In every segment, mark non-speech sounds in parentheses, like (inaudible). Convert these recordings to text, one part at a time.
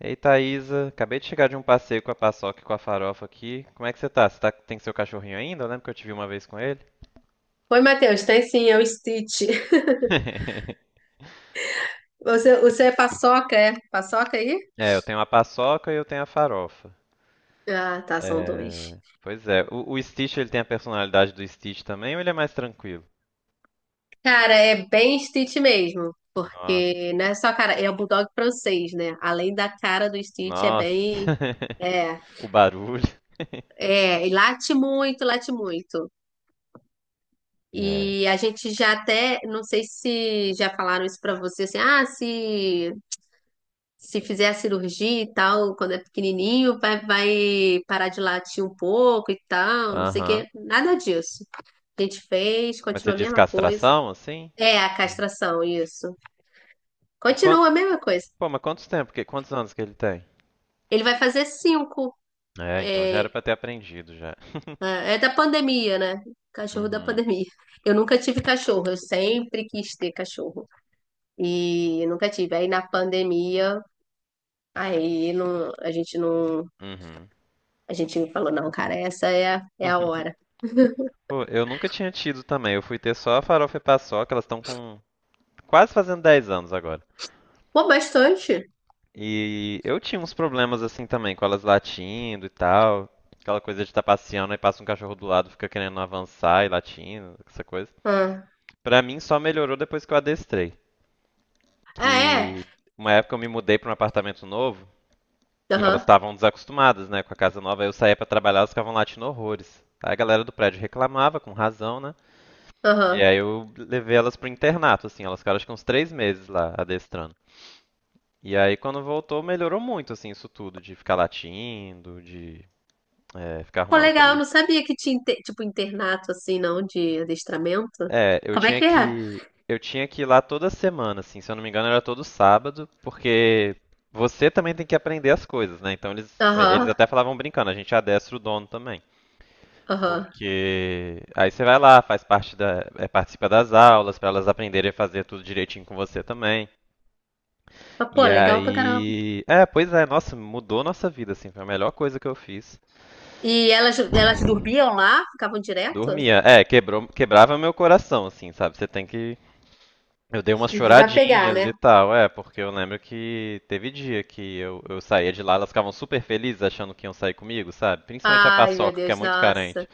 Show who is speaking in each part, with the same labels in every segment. Speaker 1: Ei, Thaísa, acabei de chegar de um passeio com a paçoca e com a farofa aqui. Como é que você tá? Você tá, tem seu cachorrinho ainda? Eu lembro que eu te vi uma vez com ele.
Speaker 2: Oi, Matheus, tem sim, é o Stitch. (laughs)
Speaker 1: (laughs)
Speaker 2: Você é? Paçoca aí?
Speaker 1: É, eu tenho a paçoca e eu tenho a farofa.
Speaker 2: Ah, tá, são dois.
Speaker 1: É. Pois é, o Stitch ele tem a personalidade do Stitch também ou ele é mais tranquilo?
Speaker 2: Cara, é bem Stitch mesmo.
Speaker 1: Nossa,
Speaker 2: Porque não é só cara, é o Bulldog francês, né? Além da cara do Stitch, é
Speaker 1: nossa.
Speaker 2: bem.
Speaker 1: (laughs)
Speaker 2: É,
Speaker 1: O barulho.
Speaker 2: é, e late muito, late muito.
Speaker 1: É.
Speaker 2: E a gente já até, não sei se já falaram isso pra você, assim, ah, se fizer a cirurgia e tal, quando é pequenininho, vai parar de latir um pouco e tal, não sei o
Speaker 1: Aham.
Speaker 2: quê. Nada disso. A gente fez,
Speaker 1: Mas você
Speaker 2: continua a
Speaker 1: diz
Speaker 2: mesma coisa.
Speaker 1: castração, assim?
Speaker 2: É a castração, isso.
Speaker 1: E quanto,
Speaker 2: Continua a mesma coisa.
Speaker 1: Pô, mas quantos tempo? Quantos anos que ele tem?
Speaker 2: Ele vai fazer cinco.
Speaker 1: É, então já era
Speaker 2: É,
Speaker 1: pra ter aprendido já. (laughs)
Speaker 2: é da pandemia, né? Cachorro da
Speaker 1: Uhum,
Speaker 2: pandemia. Eu nunca tive cachorro, eu sempre quis ter cachorro. E nunca tive. Aí na pandemia, aí não, a gente não.
Speaker 1: uhum.
Speaker 2: A gente falou, não, cara, essa é a hora.
Speaker 1: Pô, eu nunca tinha tido também. Eu fui ter só a farofa e paçoca, elas estão com quase fazendo 10 anos agora.
Speaker 2: Pô, bastante.
Speaker 1: E eu tinha uns problemas assim também, com elas latindo e tal. Aquela coisa de estar passeando e passa um cachorro do lado, fica querendo avançar e latindo, essa coisa.
Speaker 2: Ah,
Speaker 1: Pra mim só melhorou depois que eu adestrei.
Speaker 2: ah, é?
Speaker 1: Que uma época eu me mudei pra um apartamento novo e elas
Speaker 2: Aham,
Speaker 1: estavam desacostumadas, né, com a casa nova. Aí eu saía pra trabalhar, elas ficavam latindo horrores. Aí a galera do prédio reclamava, com razão, né? E
Speaker 2: aham.
Speaker 1: aí eu levei elas pro internato, assim, elas ficaram acho que uns 3 meses lá adestrando. E aí quando voltou melhorou muito, assim, isso tudo, de ficar latindo, de ficar
Speaker 2: Pô,
Speaker 1: arrumando
Speaker 2: legal, eu
Speaker 1: briga.
Speaker 2: não sabia que tinha, tipo, internato, assim, não, de adestramento.
Speaker 1: É, eu
Speaker 2: Como é
Speaker 1: tinha
Speaker 2: que é?
Speaker 1: que eu tinha que ir lá toda semana, assim, se eu não me engano era todo sábado, porque você também tem que aprender as coisas, né? Então eles
Speaker 2: Aham,
Speaker 1: até falavam brincando, a gente adestra o dono também.
Speaker 2: aham.
Speaker 1: Porque aí você vai lá, faz parte participa das aulas, pra elas aprenderem a fazer tudo direitinho com você também.
Speaker 2: Mas, pô,
Speaker 1: E
Speaker 2: legal pra caramba.
Speaker 1: aí. É, pois é, nossa, mudou nossa vida, assim, foi a melhor coisa que eu fiz.
Speaker 2: E elas dormiam lá? Ficavam direto?
Speaker 1: Dormia. É, quebrou, quebrava meu coração, assim, sabe? Você tem que. Eu dei umas
Speaker 2: Se desapegar, né?
Speaker 1: choradinhas e tal, é, porque eu lembro que teve dia que eu saía de lá, elas ficavam super felizes achando que iam sair comigo, sabe? Principalmente a
Speaker 2: Ai, meu
Speaker 1: Paçoca, que é
Speaker 2: Deus,
Speaker 1: muito carente.
Speaker 2: nossa.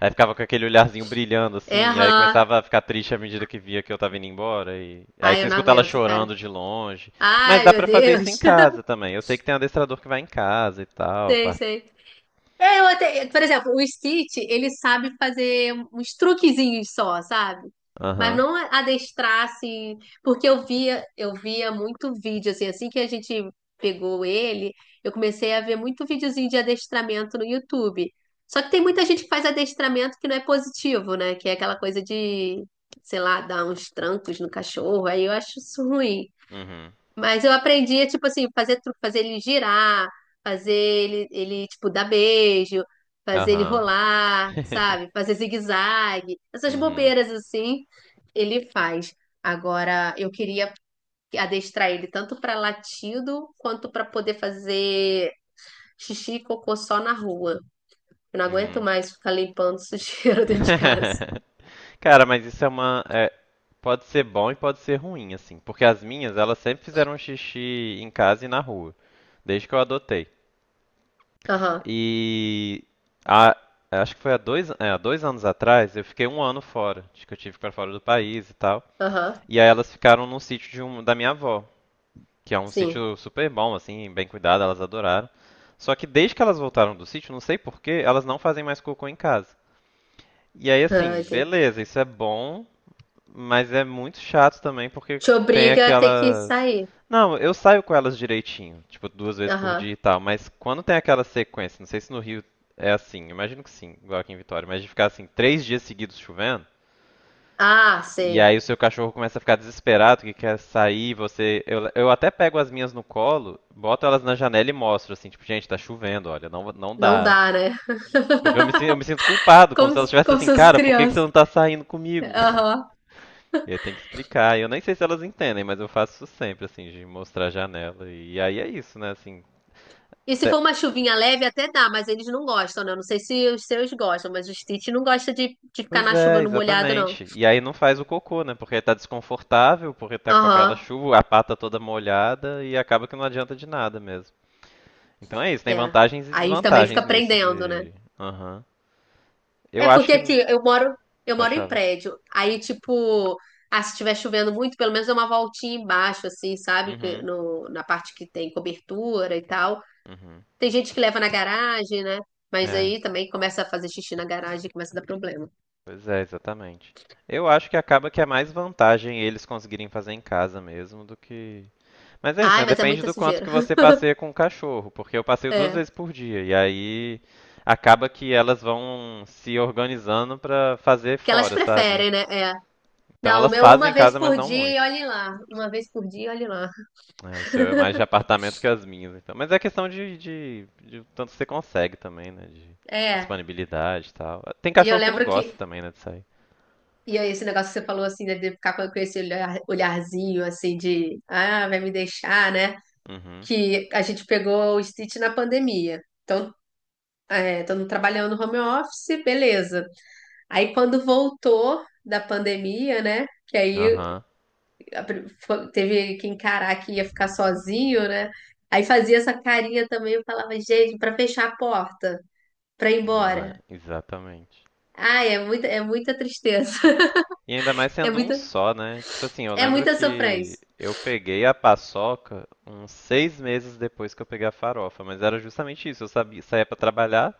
Speaker 1: Aí ficava com aquele olharzinho brilhando,
Speaker 2: É,
Speaker 1: assim, e aí
Speaker 2: aham.
Speaker 1: começava a ficar triste à medida que via que eu tava indo embora. E... Aí
Speaker 2: Ai,
Speaker 1: você
Speaker 2: eu não
Speaker 1: escuta ela
Speaker 2: aguento, cara.
Speaker 1: chorando de longe. Mas
Speaker 2: Ai,
Speaker 1: dá
Speaker 2: meu
Speaker 1: pra fazer isso
Speaker 2: Deus.
Speaker 1: em casa também. Eu sei que tem um adestrador que vai em casa e
Speaker 2: (laughs)
Speaker 1: tal.
Speaker 2: Sei, sei. É, eu até, por exemplo, o Stitch, ele sabe fazer uns truquezinhos só, sabe? Mas
Speaker 1: Aham.
Speaker 2: não adestrar assim, porque eu via muito vídeo assim, assim que a gente pegou ele, eu comecei a ver muito videozinho de adestramento no YouTube. Só que tem muita gente que faz adestramento que não é positivo, né? Que é aquela coisa de, sei lá, dar uns trancos no cachorro. Aí eu acho isso ruim.
Speaker 1: Uhum.
Speaker 2: Mas eu aprendi, a, tipo assim, fazer truque, fazer ele girar, fazer ele, tipo, dar beijo, fazer ele
Speaker 1: Aham.
Speaker 2: rolar,
Speaker 1: (laughs)
Speaker 2: sabe? Fazer zigue-zague, essas
Speaker 1: Uhum.
Speaker 2: bobeiras assim, ele faz. Agora, eu queria adestrar ele tanto para latido quanto para poder fazer xixi e cocô só na rua. Eu não aguento
Speaker 1: Uhum.
Speaker 2: mais ficar limpando sujeira (laughs) dentro de casa.
Speaker 1: (laughs) Cara, mas isso é uma. É, pode ser bom e pode ser ruim, assim. Porque as minhas, elas sempre fizeram xixi em casa e na rua. Desde que eu adotei.
Speaker 2: Aham,
Speaker 1: E a- acho que foi há dois anos atrás, eu fiquei um ano fora. Acho que eu tive para fora do país e tal.
Speaker 2: aham,
Speaker 1: E aí elas ficaram num sítio de um, da minha avó, que é um
Speaker 2: sim.
Speaker 1: sítio super bom, assim, bem cuidado, elas adoraram. Só que desde que elas voltaram do sítio, não sei porquê, elas não fazem mais cocô em casa. E aí,
Speaker 2: Ah,
Speaker 1: assim,
Speaker 2: entendi.
Speaker 1: beleza, isso é bom, mas é muito chato também porque
Speaker 2: Te
Speaker 1: tem
Speaker 2: obriga a ter que
Speaker 1: aquelas.
Speaker 2: sair.
Speaker 1: Não, eu saio com elas direitinho, tipo duas vezes por dia e
Speaker 2: Aham.
Speaker 1: tal, mas quando tem aquela sequência, não sei se no Rio é assim, imagino que sim, igual aqui em Vitória, mas de ficar assim 3 dias seguidos chovendo,
Speaker 2: Ah,
Speaker 1: e
Speaker 2: sei.
Speaker 1: aí o seu cachorro começa a ficar desesperado, que quer sair, você. Eu até pego as minhas no colo, boto elas na janela e mostro, assim, tipo, gente, tá chovendo, olha, não, não
Speaker 2: Não
Speaker 1: dá.
Speaker 2: dá, né?
Speaker 1: Porque eu me sinto culpado, como se
Speaker 2: Como,
Speaker 1: elas estivessem
Speaker 2: como
Speaker 1: assim,
Speaker 2: se fosse
Speaker 1: cara, por que que você
Speaker 2: criança.
Speaker 1: não tá saindo comigo?
Speaker 2: Aham.
Speaker 1: E aí tem que explicar. Eu nem sei se elas entendem, mas eu faço isso sempre, assim, de mostrar a janela. E aí é isso, né? Assim,
Speaker 2: E se
Speaker 1: até-
Speaker 2: for uma chuvinha leve, até dá, mas eles não gostam, né? Eu não sei se os seus gostam, mas o Stitch não gosta de ficar
Speaker 1: Pois
Speaker 2: na chuva
Speaker 1: é,
Speaker 2: no molhado, não.
Speaker 1: exatamente. E aí não faz o cocô, né? Porque tá desconfortável, porque tá com aquela
Speaker 2: Aham,
Speaker 1: chuva, a pata toda molhada e acaba que não adianta de nada mesmo. Então é isso, tem
Speaker 2: é.
Speaker 1: vantagens e
Speaker 2: Aí também
Speaker 1: desvantagens
Speaker 2: fica
Speaker 1: nisso
Speaker 2: prendendo, né?
Speaker 1: de. Aham. Eu
Speaker 2: É
Speaker 1: acho
Speaker 2: porque
Speaker 1: que.
Speaker 2: aqui eu
Speaker 1: Pode
Speaker 2: moro em
Speaker 1: falar.
Speaker 2: prédio. Aí, tipo, ah, se estiver chovendo muito, pelo menos dá uma voltinha embaixo, assim, sabe? Que
Speaker 1: Uhum,
Speaker 2: no, na parte que tem cobertura e tal.
Speaker 1: uhum.
Speaker 2: Tem gente que leva na garagem, né? Mas
Speaker 1: É,
Speaker 2: aí também começa a fazer xixi na garagem e começa a dar problema.
Speaker 1: pois é, exatamente. Eu acho que acaba que é mais vantagem eles conseguirem fazer em casa mesmo do que. Mas é isso,
Speaker 2: Ai,
Speaker 1: né?
Speaker 2: mas é
Speaker 1: Depende
Speaker 2: muita
Speaker 1: do quanto
Speaker 2: sujeira.
Speaker 1: que você
Speaker 2: (laughs)
Speaker 1: passeia com o cachorro, porque eu passeio duas vezes
Speaker 2: É.
Speaker 1: por dia e aí acaba que elas vão se organizando pra fazer
Speaker 2: Porque elas
Speaker 1: fora, sabe?
Speaker 2: preferem, né? É.
Speaker 1: Então
Speaker 2: Não, o
Speaker 1: elas
Speaker 2: meu
Speaker 1: fazem
Speaker 2: uma
Speaker 1: em
Speaker 2: vez
Speaker 1: casa, mas
Speaker 2: por
Speaker 1: não
Speaker 2: dia e
Speaker 1: muito.
Speaker 2: olhe lá. Uma vez por dia e olhe lá.
Speaker 1: É, o seu é mais
Speaker 2: (laughs)
Speaker 1: de apartamento que as minhas, então. Mas é questão de tanto que você consegue também, né? De
Speaker 2: É.
Speaker 1: disponibilidade e tal. Tem
Speaker 2: E eu
Speaker 1: cachorro que não
Speaker 2: lembro que.
Speaker 1: gosta também, né, de sair.
Speaker 2: E aí, esse negócio que você falou assim, né, de ficar com esse olharzinho assim de ah, vai me deixar, né?
Speaker 1: Uhum.
Speaker 2: Que a gente pegou o Stitch na pandemia. Então, é, todo mundo trabalhando no home office, beleza. Aí quando voltou da pandemia, né? Que aí
Speaker 1: Aham.
Speaker 2: teve que encarar que ia ficar sozinho, né? Aí fazia essa carinha também, eu falava, gente, pra fechar a porta, pra ir embora.
Speaker 1: É, exatamente.
Speaker 2: Ah, é muita tristeza. (laughs)
Speaker 1: E ainda mais
Speaker 2: É
Speaker 1: sendo um
Speaker 2: muita,
Speaker 1: só, né? Tipo assim, eu
Speaker 2: é
Speaker 1: lembro
Speaker 2: muita
Speaker 1: que
Speaker 2: sofrência.
Speaker 1: eu peguei a paçoca uns 6 meses depois que eu peguei a farofa, mas era justamente isso. Eu sabia, saía pra trabalhar,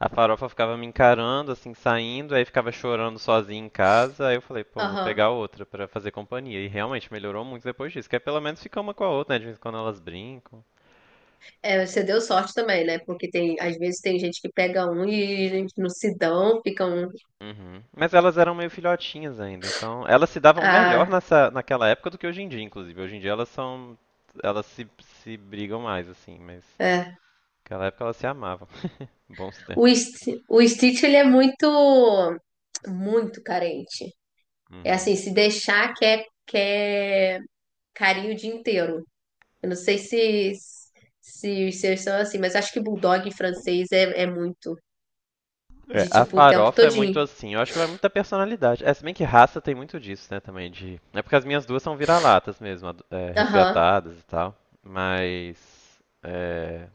Speaker 1: a farofa ficava me encarando, assim, saindo, aí ficava chorando sozinha em casa. Aí eu falei, pô, vou
Speaker 2: Aham.
Speaker 1: pegar outra pra fazer companhia. E realmente melhorou muito depois disso, que aí pelo menos fica uma com a outra, né? De vez em quando elas brincam.
Speaker 2: É, você deu sorte também, né? Porque tem, às vezes tem gente que pega um e gente não se dão, ficam.
Speaker 1: Uhum. Mas elas eram meio filhotinhas ainda, então elas se davam melhor
Speaker 2: Ah,
Speaker 1: nessa, naquela época do que hoje em dia, inclusive. Hoje em dia elas são, elas se brigam mais assim, mas
Speaker 2: é.
Speaker 1: naquela época elas se amavam. (laughs) Bons
Speaker 2: O,
Speaker 1: tempos.
Speaker 2: O Stitch, ele é muito, muito carente. É
Speaker 1: Uhum.
Speaker 2: assim, se deixar, quer, quer carinho o dia inteiro. Eu não sei se, se os seus são assim, mas acho que bulldog francês é, é muito.
Speaker 1: É,
Speaker 2: De
Speaker 1: a
Speaker 2: tipo, o tempo
Speaker 1: farofa é muito
Speaker 2: todinho.
Speaker 1: assim, eu acho que vai muito da personalidade. É, se bem que raça tem muito disso, né, também de. É porque as minhas duas são vira-latas mesmo,
Speaker 2: Aham.
Speaker 1: resgatadas e tal, mas é,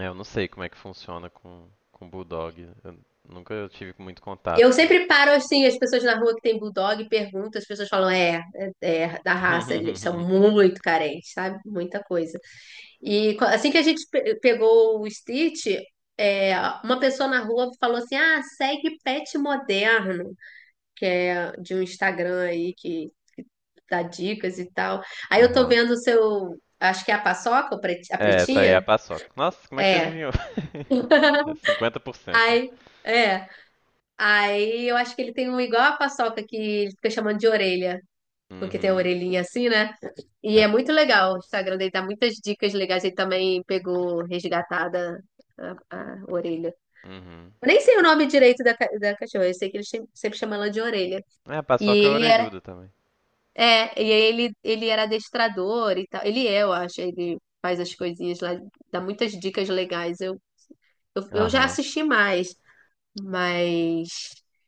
Speaker 1: eu não sei como é que funciona com bulldog. Eu nunca tive muito contato
Speaker 2: Eu
Speaker 1: com
Speaker 2: sempre paro assim, as pessoas na rua que tem bulldog e pergunto, as pessoas falam, é, é, é da raça, eles são
Speaker 1: (laughs)
Speaker 2: muito carentes, sabe? Muita coisa. E assim que a gente pegou o Stitch, é, uma pessoa na rua falou assim: ah, segue pet moderno, que é de um Instagram aí que dar dicas e tal. Aí eu tô
Speaker 1: Aham.
Speaker 2: vendo o seu, acho que é a paçoca, o a
Speaker 1: É, essa aí é
Speaker 2: pretinha?
Speaker 1: a paçoca. Nossa, como é que você
Speaker 2: É.
Speaker 1: adivinhou? (laughs) É
Speaker 2: (laughs)
Speaker 1: 50%, né?
Speaker 2: Aí, é. Aí eu acho que ele tem um igual a paçoca que ele fica chamando de orelha, porque tem a
Speaker 1: Uhum.
Speaker 2: orelhinha assim, né? E
Speaker 1: É.
Speaker 2: é muito legal. O Instagram dele dá muitas dicas legais. Ele também pegou resgatada a, a orelha.
Speaker 1: Uhum.
Speaker 2: Eu nem sei o nome direito da, da cachorra, eu sei que ele sempre chama ela de orelha.
Speaker 1: É, a
Speaker 2: E
Speaker 1: paçoca é
Speaker 2: ele era
Speaker 1: orelhuda também.
Speaker 2: é, e aí ele era adestrador e tal. Ele é, eu acho, ele faz as coisinhas lá, dá muitas dicas legais. Eu já
Speaker 1: Aham.
Speaker 2: assisti mais, mas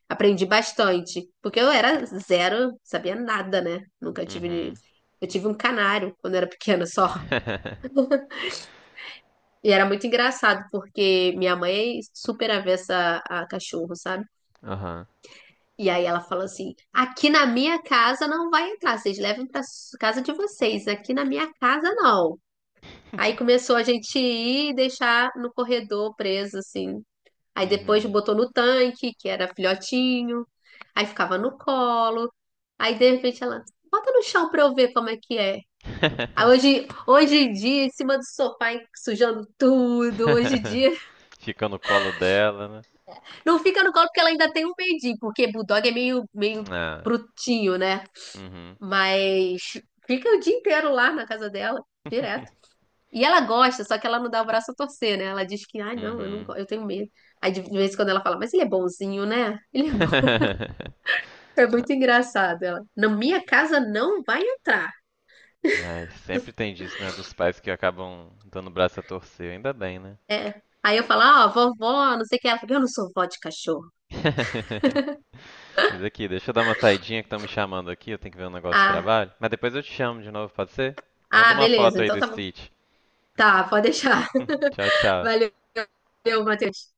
Speaker 2: aprendi bastante, porque eu era zero, sabia nada, né? Nunca tive.
Speaker 1: Uhum.
Speaker 2: Eu tive um canário quando era pequena só.
Speaker 1: (laughs)
Speaker 2: E era muito engraçado, porque minha mãe é super avessa a cachorro, sabe?
Speaker 1: Aham.
Speaker 2: E aí ela falou assim: aqui na minha casa não vai entrar, vocês levam pra casa de vocês, aqui na minha casa não. Aí
Speaker 1: (laughs)
Speaker 2: começou a gente ir e deixar no corredor preso, assim. Aí depois
Speaker 1: Uhum.
Speaker 2: botou no tanque, que era filhotinho. Aí ficava no colo. Aí de repente ela, bota no chão pra eu ver como é que é. Aí
Speaker 1: (laughs)
Speaker 2: hoje, hoje em dia, em cima do sofá, hein, sujando tudo. Hoje em dia,
Speaker 1: Fica no colo dela, né?
Speaker 2: não fica no colo porque ela ainda tem um medinho, porque bulldog é meio
Speaker 1: Ah.
Speaker 2: brutinho, né?
Speaker 1: Uhum.
Speaker 2: Mas fica o dia inteiro lá na casa dela.
Speaker 1: (laughs)
Speaker 2: E ela gosta, só que ela não dá o braço a torcer, né? Ela diz que, ai, não, eu não,
Speaker 1: Uhum.
Speaker 2: eu tenho medo. Aí de vez em quando ela fala, mas ele é bonzinho, né? Ele é bom. (laughs)
Speaker 1: (laughs)
Speaker 2: É muito engraçado. Ela, na minha casa não vai entrar.
Speaker 1: Ai, sempre tem disso, né? Dos pais que acabam dando o braço a torcer. Ainda bem, né?
Speaker 2: É. Aí eu falo, ó, vovó, não sei o que. Ela fala, eu não sou vó de cachorro.
Speaker 1: (laughs) Mas aqui, deixa eu dar uma saidinha que estão me chamando aqui, eu tenho que ver um negócio de
Speaker 2: Ah,
Speaker 1: trabalho. Mas depois eu te chamo de novo, pode ser? Manda
Speaker 2: ah,
Speaker 1: uma
Speaker 2: beleza,
Speaker 1: foto aí
Speaker 2: então
Speaker 1: do
Speaker 2: tá bom.
Speaker 1: Stitch.
Speaker 2: Tá, pode deixar.
Speaker 1: (laughs) Tchau,
Speaker 2: (laughs)
Speaker 1: tchau.
Speaker 2: Valeu, Matheus.